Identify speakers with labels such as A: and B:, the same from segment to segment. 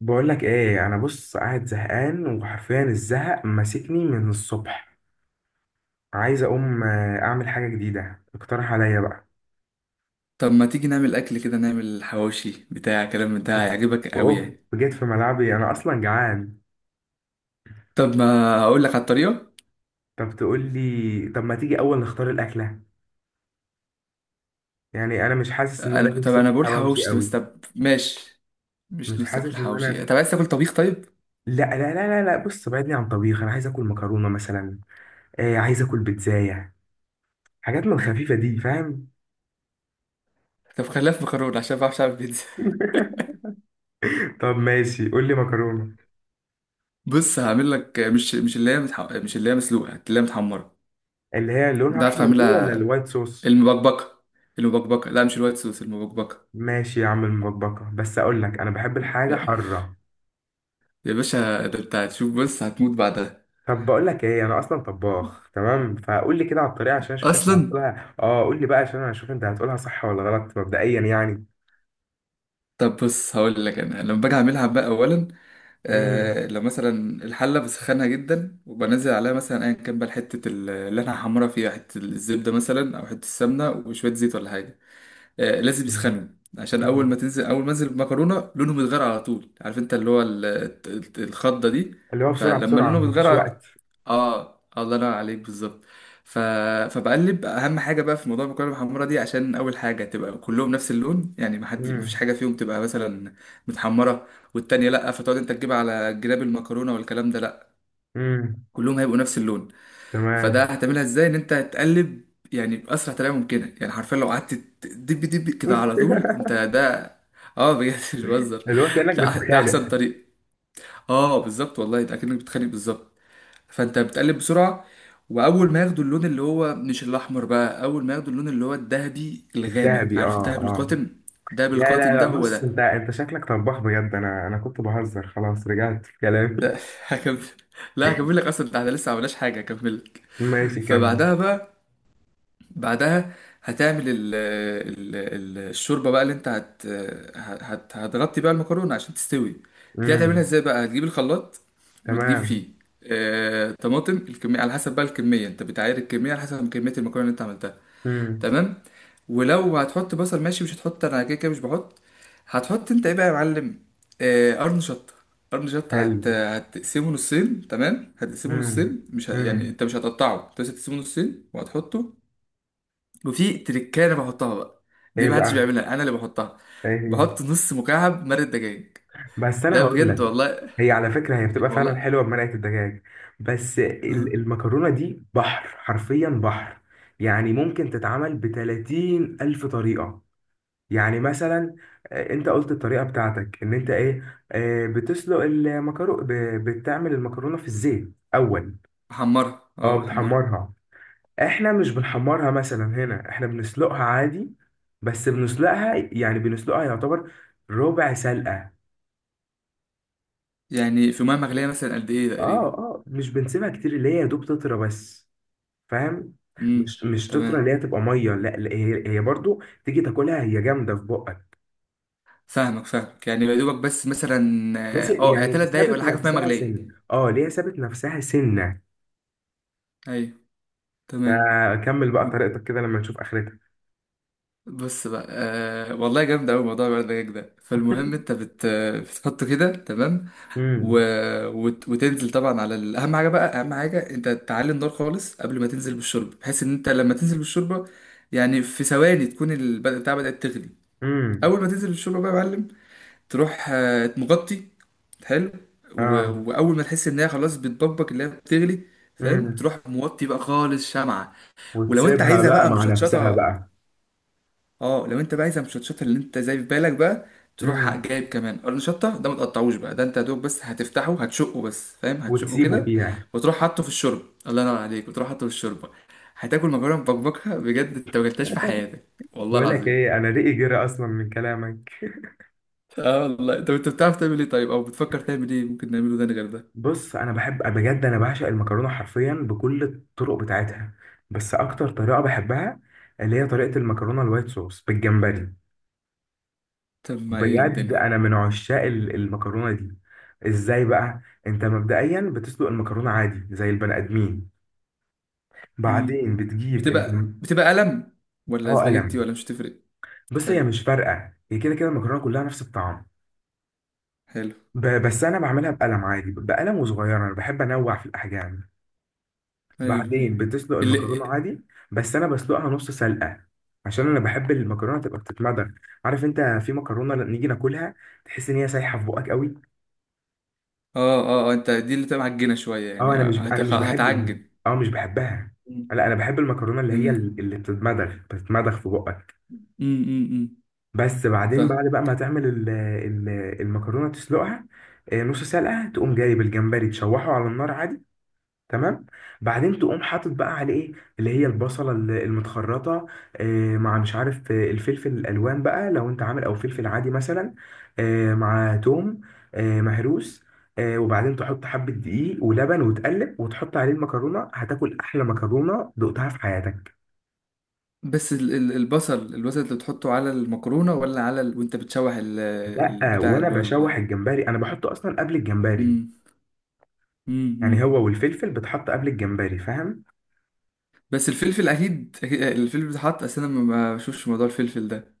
A: بقول لك ايه، انا بص قاعد زهقان وحرفيا الزهق ماسكني من الصبح. عايز اقوم، اعمل حاجه جديده، اقترح عليا بقى.
B: طب ما تيجي نعمل اكل كده، نعمل حواوشي بتاع كلام من ده،
A: اوف.
B: هيعجبك قوي
A: أوف.
B: يعني.
A: جيت في ملعبي انا اصلا جعان.
B: طب ما اقول لك على الطريقه.
A: طب تقول لي، طب ما تيجي اول نختار الاكله. يعني انا مش حاسس ان انا
B: انا طب
A: نفسي في
B: انا بقول
A: الحواوشي
B: حواوشي، طب بس،
A: قوي.
B: طب ماشي. مش
A: مش
B: نفسك في
A: حاسس ان
B: الحواوشي؟
A: انا
B: طب عايز تاكل طبيخ؟ طيب،
A: لا لا لا لا لا، بص بعدني عن طبيخ، انا عايز اكل مكرونه مثلا. آه، عايز اكل بيتزايه. حاجات من الخفيفه دي، فاهم.
B: طب خليها في مكرونه عشان ما بعرفش اعمل بيتزا.
A: طب ماشي، قول لي مكرونه.
B: بص، هعمل لك مش اللي هي مسلوقه، اللي هي متحمره.
A: اللي هي لونها
B: ده عارف
A: احمر دي ولا
B: اعملها،
A: الوايت صوص؟
B: المبكبكه. المبكبكه، لا مش الوايت صوص، المبكبكه.
A: ماشي يا عم المطبقة، بس اقول لك انا بحب الحاجة حارة.
B: يا باشا، ده انت هتشوف، بص هتموت بعدها.
A: طب بقول لك ايه، انا اصلا طباخ تمام، فقول لي كده على الطريقة عشان اشوف انت
B: اصلا
A: هتقولها. اه قول لي بقى عشان انا اشوف انت هتقولها صح ولا غلط مبدئيا يعني.
B: طب بص، هقول لك انا لما باجي اعملها بقى. اولا
A: امم.
B: لو مثلا الحلة بسخنها جدا، وبنزل عليها مثلا أيا كان بقى حتة اللي أنا هحمرها فيها، حتة الزبدة مثلا أو حتة السمنة وشوية زيت ولا حاجة. لازم يسخنوا عشان
A: امم.
B: اول ما انزل المكرونه لونهم يتغير على طول. عارف انت اللي هو الخضه دي.
A: اللي هو بسرعة
B: فلما
A: بسرعة
B: لونهم يتغير
A: مفيش
B: على-
A: وقت.
B: اه الله ينور عليك بالظبط. ف... فبقلب، اهم حاجه بقى في موضوع المكرونه المحمره دي، عشان اول حاجه تبقى كلهم نفس اللون، يعني ما حد، ما فيش
A: امم.
B: حاجه فيهم تبقى مثلا متحمره والتانيه لا، فتقعد انت تجيب على جناب المكرونه والكلام ده، لا،
A: امم.
B: كلهم هيبقوا نفس اللون. فده
A: تمام.
B: هتعملها ازاي؟ ان انت هتقلب يعني باسرع طريقه ممكنه، يعني حرفيا لو قعدت دب دب كده على طول انت ده. اه بجد، مش بهزر.
A: اللي هو كأنك
B: ده
A: بتتخانق.
B: احسن طريق. اه بالظبط والله، ده اكنك بتخانق بالظبط. فانت بتقلب بسرعه، واول ما ياخدوا اللون اللي هو مش الاحمر بقى، اول ما ياخدوا اللون اللي هو الذهبي الغامق،
A: الذهبي اه.
B: عارف الذهب
A: اه.
B: القاتم؟ الذهب
A: لا لا
B: القاتم
A: لا،
B: ده، هو
A: بص، انت
B: ده.
A: انت شكلك طباخ بجد، انا كنت بهزر، خلاص رجعت في كلامي.
B: هكمل. لا، هكمل لك، اصلا ده احنا لسه ما عملناش حاجه، هكمل لك.
A: ماشي كمل.
B: فبعدها بقى، بعدها هتعمل الشوربه بقى اللي انت هت، هتغطي بقى المكرونه عشان تستوي. دي هتعملها
A: امم.
B: ازاي بقى؟ هتجيب الخلاط وتجيب
A: تمام.
B: فيه طماطم. الكميه على حسب بقى، الكميه انت بتعاير الكميه على حسب كميه المكرونه اللي انت عملتها.
A: امم.
B: تمام. ولو هتحط بصل، ماشي، مش هتحط، انا كده كده مش بحط. هتحط انت ايه بقى يا معلم؟ قرن شطه. قرن شطه، هت
A: حلو.
B: هتقسمه نصين، تمام. هتقسمه
A: امم.
B: نصين، مش ه... يعني
A: امم.
B: انت مش هتقطعه انت، بس هتقسمه نصين وهتحطه. وفي تريكايه انا بحطها بقى، دي
A: ايه
B: محدش
A: بقى؟
B: بيعملها، انا اللي بحطها.
A: ايه هي؟
B: بحط نص مكعب مرق دجاج.
A: بس انا
B: ده
A: هقول
B: بجد
A: لك.
B: والله
A: هي على فكره هي بتبقى فعلا
B: والله
A: حلوه بمرقه الدجاج. بس
B: مم.
A: المكرونه دي بحر، حرفيا بحر. يعني ممكن تتعمل ب 30 الف طريقه. يعني مثلا، انت قلت الطريقه بتاعتك ان انت ايه، بتسلق المكرونه. بتعمل المكرونه في الزيت اول.
B: بحمرها،
A: اه
B: اه بحمرها.
A: بتحمرها. احنا مش بنحمرها مثلا هنا، احنا بنسلقها عادي. بس بنسلقها، يعني بنسلقها يعتبر ربع سلقة.
B: يعني في ميه مغليه مثلا قد ايه
A: اه
B: تقريبا؟
A: اه، مش بنسيبها كتير، اللي هي يا دوب تطرى بس، فاهم.
B: امم،
A: مش تطرى
B: تمام.
A: اللي هي تبقى مية، لا لا، هي هي برضو تيجي تاكلها هي جامدة في بقك.
B: فاهمك، فاهمك يعني يا دوبك بس مثلا.
A: بس
B: اه يعني
A: يعني
B: 3 دقايق
A: سابت
B: ولا حاجه في ميه
A: نفسها
B: مغليه؟
A: سنة، اه اللي هي سابت نفسها سنة.
B: ايوه، تمام.
A: فكمل بقى طريقتك كده لما نشوف اخرتها.
B: بص بقى، آه والله جامد أوي موضوع الورد ده. فالمهم أنت بتحطه كده، تمام. و...
A: امم.
B: وتنزل طبعا على أهم حاجة بقى، أهم حاجة أنت تعلي النار خالص قبل ما تنزل بالشوربة، بحيث إن أنت لما تنزل بالشوربة يعني في ثواني تكون البدء بتاع بدأت تغلي.
A: امم.
B: أول ما تنزل بالشوربة بقى يا معلم، تروح مغطي. حلو. و...
A: اه.
B: وأول ما تحس إن هي خلاص بتبقبق، اللي هي بتغلي، فاهم،
A: امم.
B: تروح موطي بقى خالص شمعة. ولو أنت
A: وتسيبها
B: عايزها
A: بقى
B: بقى
A: مع نفسها
B: مشطشطة،
A: بقى.
B: اه لو انت بقى عايز المشطشطه اللي انت زي في بالك بقى، تروح جايب كمان قرن شطه، ده ما تقطعوش بقى، ده انت يا دوب بس هتفتحه، هتشقه بس فاهم، هتشقه
A: وتسيبه
B: كده
A: فيها.
B: وتروح حاطه في الشوربه، الله ينور عليك، وتروح حاطه في الشوربه. هتاكل مكرونه مبكبكه بجد، انت ما اكلتهاش في حياتك والله
A: بقول لك
B: العظيم.
A: ايه، انا رقي جرى اصلا من كلامك.
B: اه والله. طب انت بتعرف تعمل ايه طيب، او بتفكر تعمل ايه ممكن نعمله ده غير ده؟
A: بص انا بحب بجد، انا بعشق المكرونه حرفيا بكل الطرق بتاعتها. بس اكتر طريقه بحبها اللي هي طريقه المكرونه الوايت صوص بالجمبري.
B: طب ما ايه
A: بجد انا
B: الدنيا.
A: من عشاق المكرونه دي. ازاي بقى. انت مبدئيا بتسلق المكرونه عادي زي البني ادمين.
B: مم.
A: بعدين بتجيب
B: بتبقى بتبقى قلم ولا
A: اه
B: سباجيتي،
A: قلم.
B: ولا مش تفرق؟
A: بص
B: حلو،
A: هي مش فارقه، هي كده كده المكرونه كلها نفس الطعم.
B: حلو.
A: بس انا بعملها بقلم عادي، بقلم وصغيره، انا بحب انوع في الاحجام.
B: ايوه،
A: بعدين
B: ايوه،
A: بتسلق المكرونة
B: اللي
A: عادي. بس أنا بسلقها نص سلقة، عشان أنا بحب المكرونة تبقى بتتمضغ. عارف أنت في مكرونة لما نيجي ناكلها تحس إن هي سايحة في بقك قوي.
B: اه، انت دي اللي تبقى معجنه شويه
A: أه
B: يعني،
A: أنا مش أنا مش بحب دي.
B: هتعجن.
A: أه مش بحبها.
B: مم.
A: لا أنا بحب المكرونة اللي هي
B: تمام.
A: اللي بتتمضغ بتتمضغ في بقك.
B: امم، امم
A: بس
B: ف
A: بعدين بعد بقى ما تعمل المكرونة تسلقها، نص سلقة، تقوم جايب الجمبري تشوحه على النار عادي. تمام. بعدين تقوم حاطط بقى عليه ايه، اللي هي البصله المتخرطه، مع مش عارف، الفلفل الالوان بقى لو انت عامل، او فلفل عادي مثلا، مع توم، مهروس، وبعدين تحط حبه دقيق ولبن وتقلب وتحط عليه المكرونه، هتاكل احلى مكرونه دقتها في حياتك.
B: بس البصل اللي بتحطه على المكرونه ولا على وانت بتشوح ال...
A: لا
B: البتاع
A: وانا
B: اللي هو
A: بشوح
B: ال...
A: الجمبري انا بحطه اصلا قبل الجمبري.
B: مم،
A: يعني
B: مم.
A: هو والفلفل بتحط قبل الجمبري، فاهم.
B: بس الفلفل الفلفل بيتحط، اصل انا ما بشوفش موضوع الفلفل ده،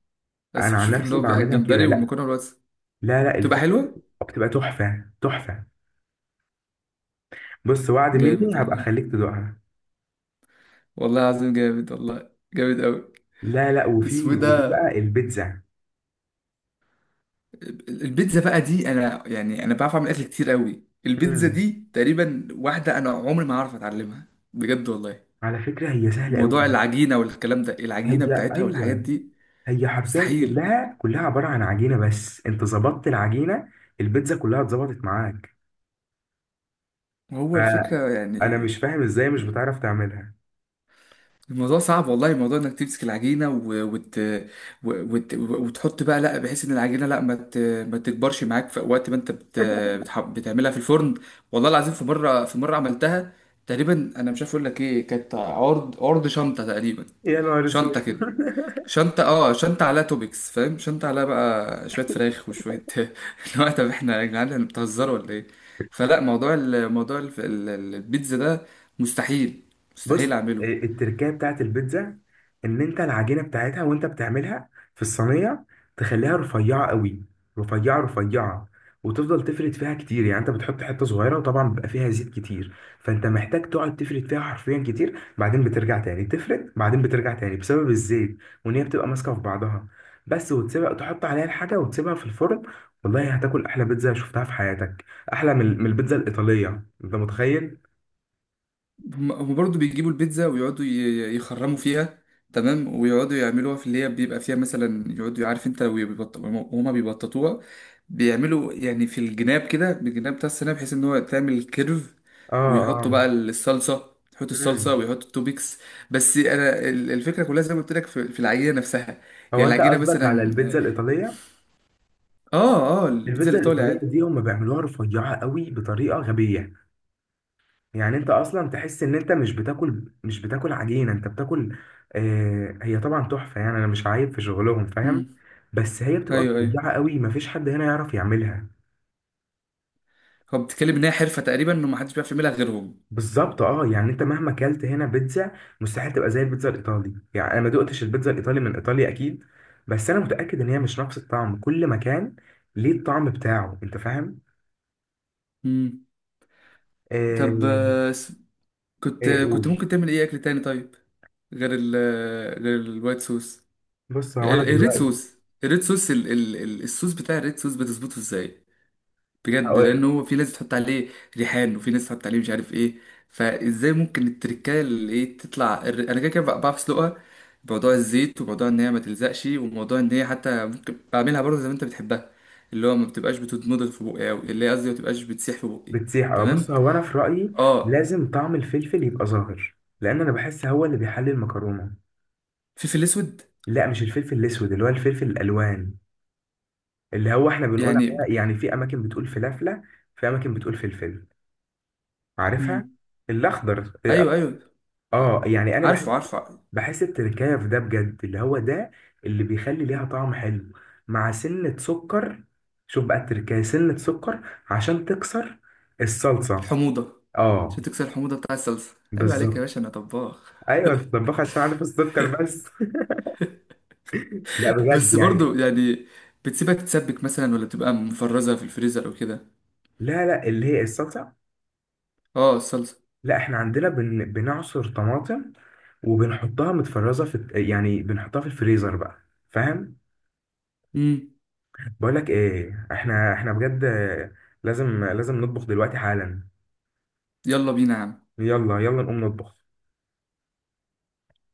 B: بس
A: انا عن
B: بشوف اللي
A: نفسي
B: هو بقى
A: بعملها كده.
B: الجمبري
A: لا
B: والمكرونه بس.
A: لا لا،
B: تبقى
A: الفلفل
B: حلوه.
A: بتبقى تحفه تحفه. بص وعد مني
B: جامد
A: هبقى
B: والله.
A: اخليك تدوقها.
B: والله العظيم جامد والله، جامد قوي.
A: لا لا،
B: اسمه
A: وفي
B: إيه
A: وفي
B: ده؟
A: بقى البيتزا.
B: البيتزا بقى دي، انا يعني انا بعرف اعمل اكل كتير قوي، البيتزا
A: امم.
B: دي تقريبا واحده انا عمري ما هعرف اتعلمها، بجد والله.
A: على فكرة هي سهلة قوي.
B: موضوع العجينه والكلام ده، العجينه
A: هي
B: بتاعتها والحاجات
A: ايوه،
B: دي
A: هي حرفيا
B: مستحيل.
A: كلها كلها عبارة عن عجينة، بس انت ظبطت العجينة، البيتزا كلها اتظبطت معاك.
B: هو الفكره يعني
A: فانا مش فاهم ازاي مش بتعرف تعملها.
B: الموضوع صعب والله، موضوع انك تمسك العجينه وتحط بقى، لا بحيث ان العجينه لا ما تكبرش معاك في وقت ما انت بتعملها في الفرن. والله العظيم في مره، عملتها تقريبا، انا مش عارف اقول لك ايه، كانت عرض عرض شنطه تقريبا.
A: يا نهار اسود
B: شنطة كده، شنطة، اه شنطة عليها توبكس فاهم، شنطة عليها بقى شوية فراخ وشوية هو طب احنا يا جدعان، احنا بتهزروا ولا ايه؟ فلا، موضوع البيتزا ده مستحيل،
A: بص،
B: مستحيل اعمله.
A: التركية بتاعت البيتزا ان انت العجينة بتاعتها وانت بتعملها في الصينية، تخليها رفيعة قوي، رفيعة رفيعة، وتفضل تفرد فيها كتير. يعني انت بتحط حتة صغيرة، وطبعا بيبقى فيها زيت كتير، فانت محتاج تقعد تفرد فيها حرفيا كتير، بعدين بترجع تاني تفرد، بعدين بترجع تاني بسبب الزيت، وان هي بتبقى ماسكة في بعضها بس. وتسيبها، تحط عليها الحاجة وتسيبها في الفرن. والله هتاكل احلى بيتزا شفتها في حياتك. احلى من البيتزا الإيطالية، انت متخيل.
B: هم برضه بيجيبوا البيتزا ويقعدوا يخرموا فيها، تمام، ويقعدوا يعملوها في اللي هي بيبقى فيها مثلا، يقعدوا، عارف انت لو وهما بيبططوها، بيعملوا يعني في الجناب كده، بالجناب بتاع السناب، بحيث ان هو تعمل كيرف،
A: اه
B: ويحطوا
A: اه.
B: بقى الصلصة، يحط الصلصة
A: مم.
B: ويحط التوبيكس. بس انا، ال- الفكرة كلها زي ما قلت لك في العجينة نفسها. يعني
A: هو انت
B: العجينة
A: قصدك على
B: مثلا،
A: البيتزا الايطاليه.
B: اه البيتزا
A: البيتزا
B: الايطالي
A: الايطاليه
B: عادي.
A: دي هم بيعملوها رفيعه قوي بطريقه غبيه. يعني انت اصلا تحس ان انت مش بتاكل عجينه، انت بتاكل. آه هي طبعا تحفه يعني، انا مش عايب في شغلهم،
B: امم.
A: فاهم. بس هي بتبقى
B: ايوه، ايوه،
A: رفيعه قوي، مفيش حد هنا يعرف يعملها.
B: هو بتتكلم ان هي حرفة تقريبا، انه ما حدش بيعرف يعملها غيرهم.
A: بالظبط اه، يعني انت مهما اكلت هنا بيتزا، مستحيل تبقى زي البيتزا الايطالي. يعني انا ما دقتش البيتزا الايطالي من ايطاليا اكيد، بس انا متاكد ان هي مش نفس الطعم كل مكان، ليه الطعم بتاعه، انت فاهم.
B: امم. طب
A: آه. ايه
B: كنت
A: قول.
B: ممكن تعمل ايه اكل تاني طيب، غير ال، غير الوايت صوص؟
A: بص هو انا
B: الريد
A: دلوقتي.
B: صوص. الريد صوص، الصوص بتاع الريد صوص، بتظبطه ازاي؟ بجد، لان
A: هقول-
B: هو في ناس بتحط عليه ريحان، وفي ناس بتحط عليه مش عارف ايه. فازاي ممكن التركايه اللي ايه، تطلع الر-، انا كده كده بعرف اسلقها، بموضوع الزيت وموضوع ان هي ما تلزقش، وموضوع ان هي حتى ممكن بعملها برضه زي ما انت بتحبها، اللي هو ما بتبقاش بتتمضغ في بقي، او اللي هي قصدي ما بتبقاش بتسيح في بقي.
A: بتسيح اه، بص
B: تمام.
A: هو انا في رايي
B: اه.
A: لازم طعم الفلفل يبقى ظاهر، لان انا بحس هو اللي بيحلي المكرونه.
B: فلفل اسود؟
A: لا مش الفلفل الاسود، اللي هو الفلفل الالوان، اللي هو احنا بنقول
B: يعني،
A: عليها، يعني في اماكن بتقول فلافله، في اماكن بتقول فلفل، عارفها، الاخضر اه.
B: ايوه ايوه. ع-
A: يعني انا بحس،
B: عارفه، عارفه.
A: بحس التركايه في ده بجد اللي هو ده، اللي بيخلي ليها طعم حلو، مع سنه سكر. شوف بقى التركايه سنه سكر عشان تكسر الصلصه.
B: الحموضه. عشان
A: اه.
B: تكسر الحموضه بتاع الصلصه، عيب عليك يا
A: بالظبط.
B: باشا، انا طباخ.
A: ايوه الطباخ عشان عارف السكر بس. لا بجد
B: بس
A: يعني.
B: برضو يعني، بتسيبها تتسبك مثلا، ولا بتبقى مفرزه في الفريزر او كده؟
A: لا لا اللي هي الصلصه.
B: اه الصلصه.
A: لا احنا عندنا بنعصر طماطم، وبنحطها متفرزه في يعني بنحطها في الفريزر بقى، فاهم.
B: امم.
A: بقول لك ايه، احنا احنا بجد لازم لازم نطبخ دلوقتي حالا.
B: يلا بينا يا عم.
A: يلا يلا نقوم نطبخ.